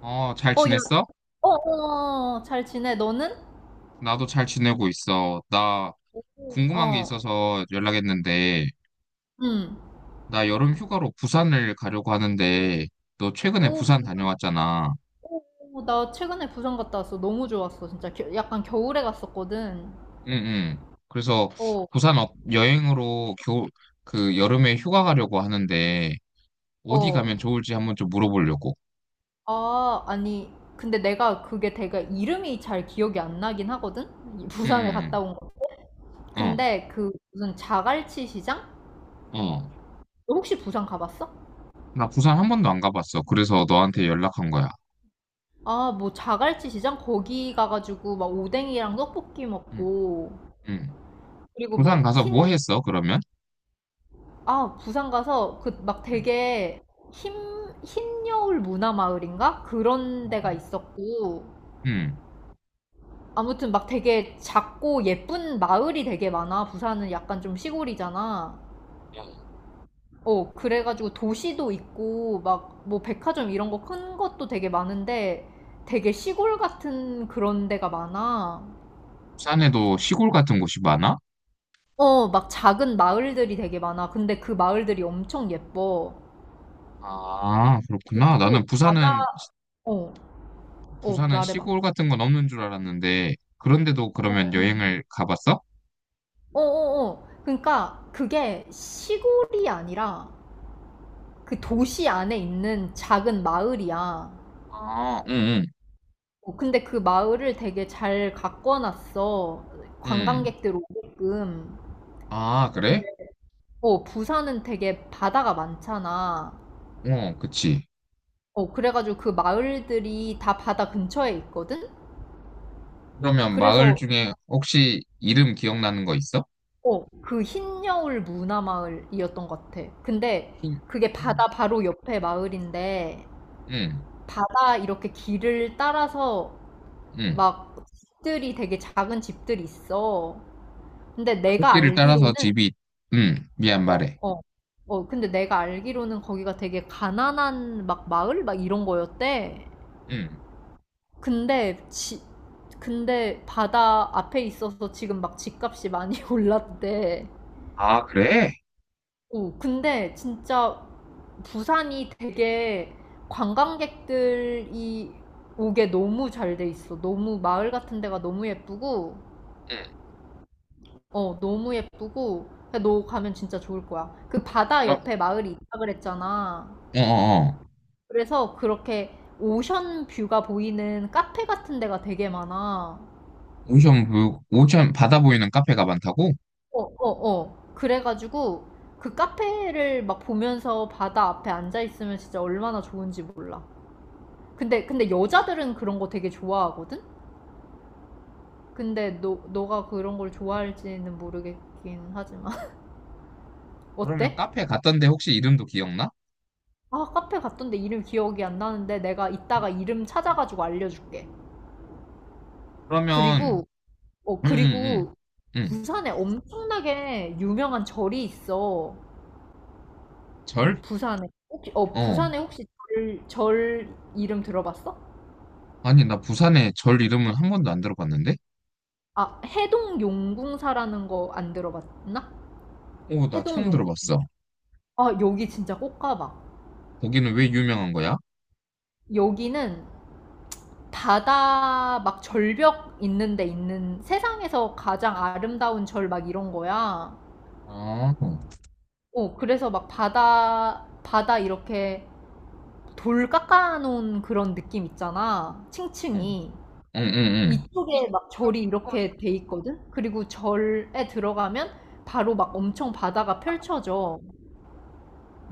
어, 잘 어, 야, 지냈어? 어, 어, 어, 어, 잘 지내. 너는? 나도 잘 지내고 있어. 나 궁금한 게 어, 있어서 연락했는데, 응. 나 여름 휴가로 부산을 가려고 하는데, 너 최근에 오, 부산 다녀왔잖아. 오, 오, 나 최근에 부산 갔다 왔어. 너무 좋았어. 진짜 약간 겨울에 갔었거든. 응, 응. 그래서 어, 부산 어- 여행으로 겨, 그 여름에 휴가 가려고 하는데, 어디 어. 가면 좋을지 한번 좀 물어보려고. 아, 아니. 근데 내가 그게 내가 이름이 잘 기억이 안 나긴 하거든? 이 부산에 응, 갔다 온 거. 응, 근데 그 무슨 자갈치 시장? 응. 어, 어. 너 혹시 부산 가봤어? 나 부산 한 번도 안 가봤어. 그래서 너한테 연락한 거야. 아, 뭐 자갈치 시장? 거기 가가지고 막 오뎅이랑 떡볶이 응, 먹고 응. 그리고 부산 뭐 가서 뭐 흰 했어, 그러면? 아, 부산 가서 그 막 응. 되게 흰, 흰 여울 문화 마을인가? 그런 데가 어. 있었고. 응. 아무튼 막 되게 작고 예쁜 마을이 되게 많아. 부산은 약간 좀 시골이잖아. 어, 그래가지고 도시도 있고 막 뭐 백화점 이런 거 큰 것도 되게 많은데 되게 시골 같은 그런 데가 많아. 부산에도 시골 같은 곳이 많아? 어, 막 작은 마을들이 되게 많아. 근데 그 마을들이 엄청 예뻐. 아, 그렇구나. 나는 그리고 바다, 부산은, 어, 어, 부산은 말해봐. 시골 같은 건 없는 줄 알았는데, 그런데도 어, 그러면 여행을 가봤어? 어어어. 그러니까 그게 시골이 아니라 그 도시 안에 있는 작은 마을이야. 아, 응, 응, 어, 근데 그 마을을 되게 잘 가꿔놨어. 응. 관광객들 오게끔. 아, 근데 그래? 어, 부산은 되게 바다가 많잖아. 어, 그치. 어, 그래가지고 그 마을들이 다 바다 근처에 있거든? 그러면 마을 그래서 중에 혹시 이름 기억나는 거 있어? 그 흰여울 문화마을이었던 것 같아. 근데 응, 그게 응, 바다 바로 옆에 마을인데 응. 바다 이렇게 길을 따라서 응. 막 집들이 되게 작은 집들이 있어. 근데 내가 길을 따라서 알기로는 집이, 응, 미안 말해. 어, 어, 근데 내가 알기로는 거기가 되게 가난한 막 마을 막 이런 거였대. 응. 근데 지, 근데 바다 앞에 있어서 지금 막 집값이 많이 올랐대. 아, 그래? 오 근데 진짜 부산이 되게 관광객들이 오게 너무 잘 돼 있어. 너무 마을 같은 데가 너무 예쁘고 응. 어, 너무 예쁘고, 너 가면 진짜 좋을 거야. 그 바다 그럼, 옆에 마을이 있다 그랬잖아. 어, 어, 어. 그래서 그렇게 오션 뷰가 보이는 카페 같은 데가 되게 많아. 오션 뷰, 오션 바다 보이는 카페가 많다고? 어, 어, 어. 그래가지고 그 카페를 막 보면서 바다 앞에 앉아 있으면 진짜 얼마나 좋은지 몰라. 근데 여자들은 그런 거 되게 좋아하거든? 근데 너가 그런 걸 좋아할지는 모르겠긴 하지만. 그러면 어때? 카페 갔던데 혹시 이름도 기억나? 아, 카페 갔던데 이름 기억이 안 나는데 내가 이따가 이름 찾아가지고 알려줄게. 그러면 그리고, 응, 응, 응, 그리고 응. 부산에 엄청나게 유명한 절이 있어. 절? 부산에. 혹시, 어, 어. 부산에 혹시 절 이름 들어봤어? 아니, 나 부산에 절 이름은 한 번도 안 들어봤는데? 아, 해동 용궁사라는 거 안 들어봤나? 오, 나 해동 처음 용, 들어봤어. 아, 여기 진짜 꼭 가봐. 거기는 왜 유명한 거야? 여기는 바다 막 절벽 있는 데 있는 세상에서 가장 아름다운 절 막 이런 거야. 아, 응, 어, 그래서 막 바다, 바다 이렇게 돌 깎아놓은 그런 느낌 있잖아. 응, 층층이. 응, 응. 이쪽에 막 절이 이렇게 돼 있거든? 그리고 절에 들어가면 바로 막 엄청 바다가 펼쳐져.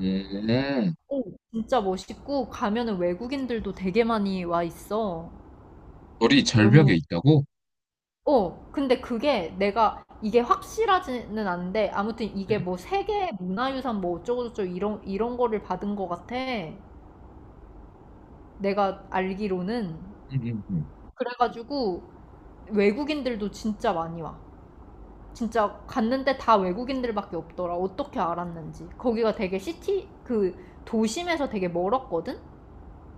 응. 오, 진짜 멋있고, 가면은 외국인들도 되게 많이 와 있어. 절이 절벽에 너무, 있다고? 어, 근데 그게 내가, 이게 확실하지는 않은데, 아무튼 이게 응, 뭐 세계 문화유산 뭐 어쩌고저쩌고 이런 거를 받은 것 같아. 내가 알기로는. 응, 응, 응. 그래가지고 외국인들도 진짜 많이 와. 진짜 갔는데 다 외국인들밖에 없더라. 어떻게 알았는지. 거기가 그 도심에서 되게 멀었거든?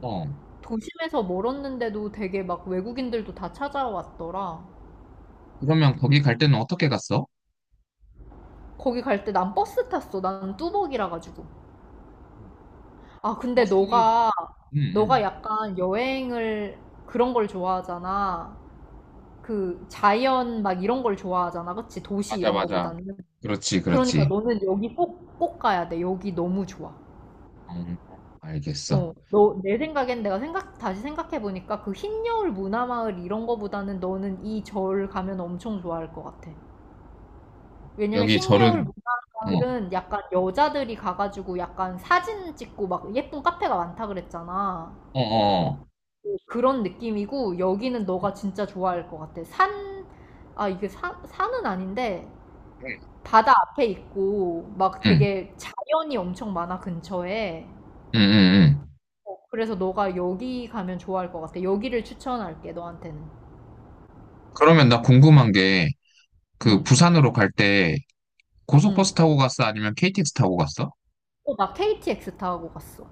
어. 도심에서 멀었는데도 되게 막 외국인들도 다 찾아왔더라. 그러면 거기 갈 때는 어떻게 갔어? 거기 갈 때 난 버스 탔어. 난 뚜벅이라 가지고. 아, 근데 버스, 응, 너가 응. 약간 여행을 그런 걸 좋아하잖아. 그 자연 막 이런 걸 좋아하잖아. 그치? 도시 맞아, 이런 맞아. 거보다는. 그렇지, 그러니까 그렇지. 너는 여기 꼭, 꼭 가야 돼. 여기 너무 좋아. 음, 알겠어. 어, 너, 내 생각엔 내가 생각, 다시 생각해보니까 그 흰 여울 문화마을 이런 거보다는 너는 이 절 가면 엄청 좋아할 것 같아. 왜냐면 여기 흰 여울 절은, 어, 문화마을은 약간 여자들이 가가지고 약간 사진 찍고 막 예쁜 카페가 많다 그랬잖아. 어, 어. 어. 어, 그런 느낌이고 여기는 응. 너가 진짜 좋아할 것 같아. 아, 이게 산은 아닌데 바다 앞에 있고 막 응. 되게 자연이 엄청 많아 근처에. 응, 응, 응. 어, 그래서 너가 여기 가면 좋아할 것 같아. 여기를 추천할게, 너한테는. 그러면 나 궁금한 게, 그 응, 부산으로 갈 때 고속버스 응. 타고 갔어? 아니면 KTX 타고 갔어? 어, 나 KTX 타고 갔어.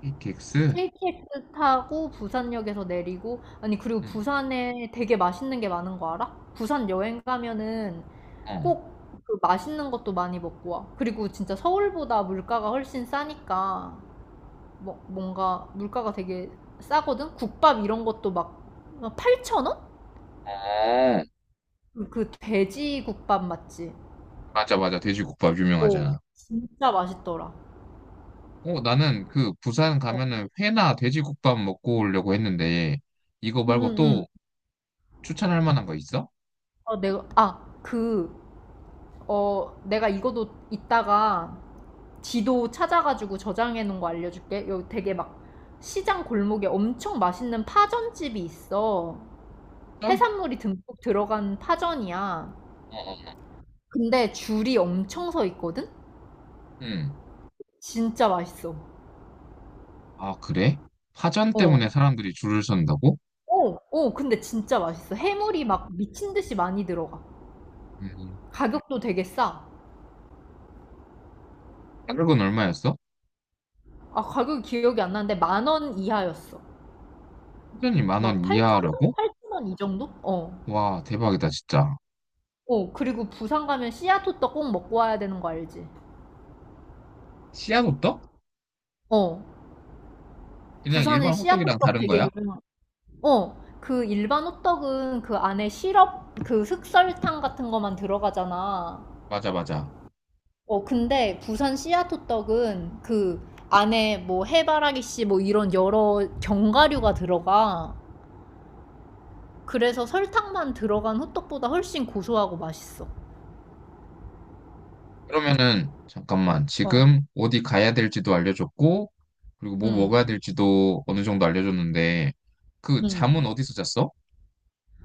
KTX? KTX 타고 부산역에서 내리고, 아니, 그리고 응, 부산에 되게 맛있는 게 많은 거 알아? 부산 여행 가면은 어. 꼭 그 맛있는 것도 많이 먹고 와. 그리고 진짜 서울보다 물가가 훨씬 싸니까, 뭔가 물가가 되게 싸거든? 국밥 이런 것도 막 8,000원? 어, 그 돼지 국밥 맞지? 맞아, 맞아. 돼지국밥 오 유명하잖아. 진짜 맛있더라. 어, 나는 그 부산 가면은 회나 돼지국밥 먹고 오려고 했는데, 이거 말고 응응응. 또 추천할 만한 거 있어? 어, 내가 아, 그 어, 내가 이거도 이따가 지도 찾아가지고 저장해 놓은 거 알려줄게. 여기 되게 막 시장 골목에 엄청 맛있는 파전집이 있어. 전? 해산물이 듬뿍 들어간 파전이야. 어, 어. 근데 줄이 엄청 서 있거든? 응. 진짜 맛있어. 아, 그래? 파전 때문에 어. 사람들이 줄을 선다고? 어, 어, 근데 진짜 맛있어. 해물이 막 미친 듯이 많이 들어가. 음. 가격도 되게 싸. 가격은 얼마였어? 아, 가격이 기억이 안 나는데 10,000원 이하였어. 파전이 만막 원 8,000원? 이하라고? 8,000원 이 정도? 어. 와, 대박이다, 진짜. 어, 그리고 부산 가면 씨앗호떡 꼭 먹고 와야 되는 거 알지? 씨앗 호떡? 어. 그냥 부산에 일반 호떡이랑 씨앗호떡 다른 되게 거야? 유명한. 어. 그 일반 호떡은 그 안에 시럽, 그 흑설탕 같은 거만 들어가잖아. 맞아, 맞아. 어, 근데 부산 씨앗호떡은 그 안에 뭐 해바라기 씨 뭐 이런 여러 견과류가 들어가. 그래서 설탕만 들어간 호떡보다 훨씬 고소하고 맛있어. 그러면은, 잠깐만. 어. 지금 어디 가야 될지도 알려줬고, 그리고 뭐 음. 먹어야 될지도 어느 정도 알려줬는데, 그 잠은 음. 어디서 잤어?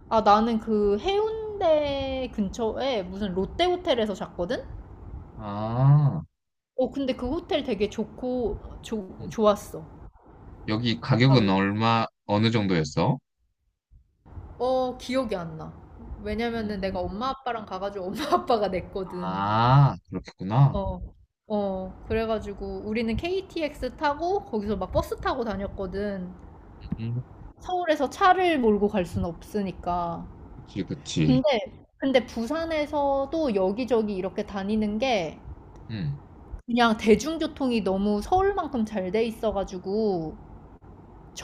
아, 나는 그 해운대 근처에 무슨 롯데 호텔에서 잤거든? 아, 어, 근데 그 호텔 되게 좋고, 음. 좋았어. 여기 아, 가격은 롯, 얼마, 어느 정도였어? 기억이 안 나. 왜냐면은 내가 음, 엄마 아빠랑 가가지고 엄마 아빠가 냈거든. 아, 그렇겠구나. 어, 어, 그래가지고 우리는 KTX 타고 거기서 막 버스 타고 다녔거든. 음, 서울에서 차를 몰고 갈 순 없으니까. 그치, 근데, 그치. 근데 부산에서도 여기저기 이렇게 다니는 게 음. 그냥 대중교통이 너무 서울만큼 잘 돼 있어가지고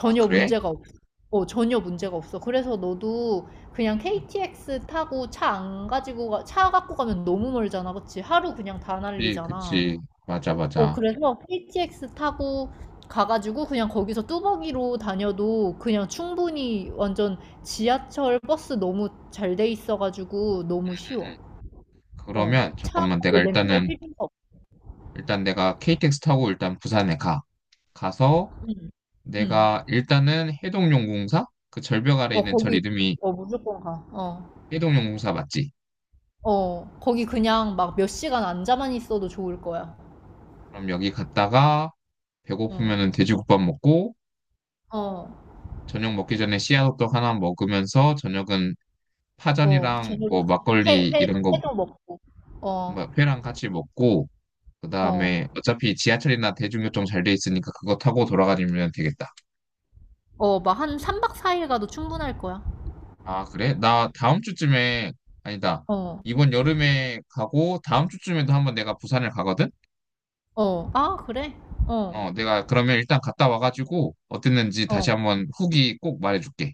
아, 그래? 문제가 없어. 어, 전혀 문제가 없어. 그래서 너도 그냥 음, KTX 타고 차 안 가지고 가, 차 갖고 가면 너무 멀잖아. 그치? 하루 그냥 다 그치, 날리잖아. 그치. 맞아, 어, 맞아. 그래서 KTX 타고 가가지고 그냥 거기서 뚜벅이로 다녀도 그냥 충분히 완전 지하철 버스 너무 잘 돼 있어가지고 너무 쉬워. 음. 어, 그러면, 잠깐만. 내가 차뭐 렌탈 일단은, 필요가 없어. 일단 내가 KTX 타고 일단 부산에 가. 가서, 응, 응. 내가 일단은 해동용궁사? 그 절벽 아래 어, 있는 절 거기, 이름이 어, 무조건 가. 어, 해동용궁사 맞지? 어, 거기 그냥 막 몇 시간 앉아만 있어도 좋을 거야. 그럼 여기 갔다가 배고프면은 응, 돼지국밥 먹고 어, 저녁 먹기 전에 씨앗호떡 하나 먹으면서 저녁은 어, 파전이랑 뭐 저녁은 회, 막걸리 회, 이런 거뭐 회도 먹고. 어, 회랑 같이 먹고 어, 그다음에 어차피 지하철이나 대중교통 잘 돼 있으니까 그거 타고 돌아다니면 되겠다. 어, 막 한 3박 4일 가도 충분할 거야. 아, 그래? 나 다음 주쯤에 아니다. 어, 이번 여름에 가고 다음 주쯤에도 한번 내가 부산을 가거든? 어, 아, 그래? 어, 어, 내가 그러면 일단 갔다 와가지고 어땠는지 다시 어, 한번 후기 꼭 말해줄게.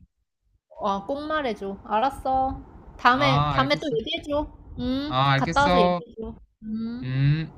아, 꼭 말해줘. 알았어. 다음에, 아, 다음에 또 알겠어. 얘기해줘. 아, 갔다 와서 알겠어. 얘기해줘. 음. 음.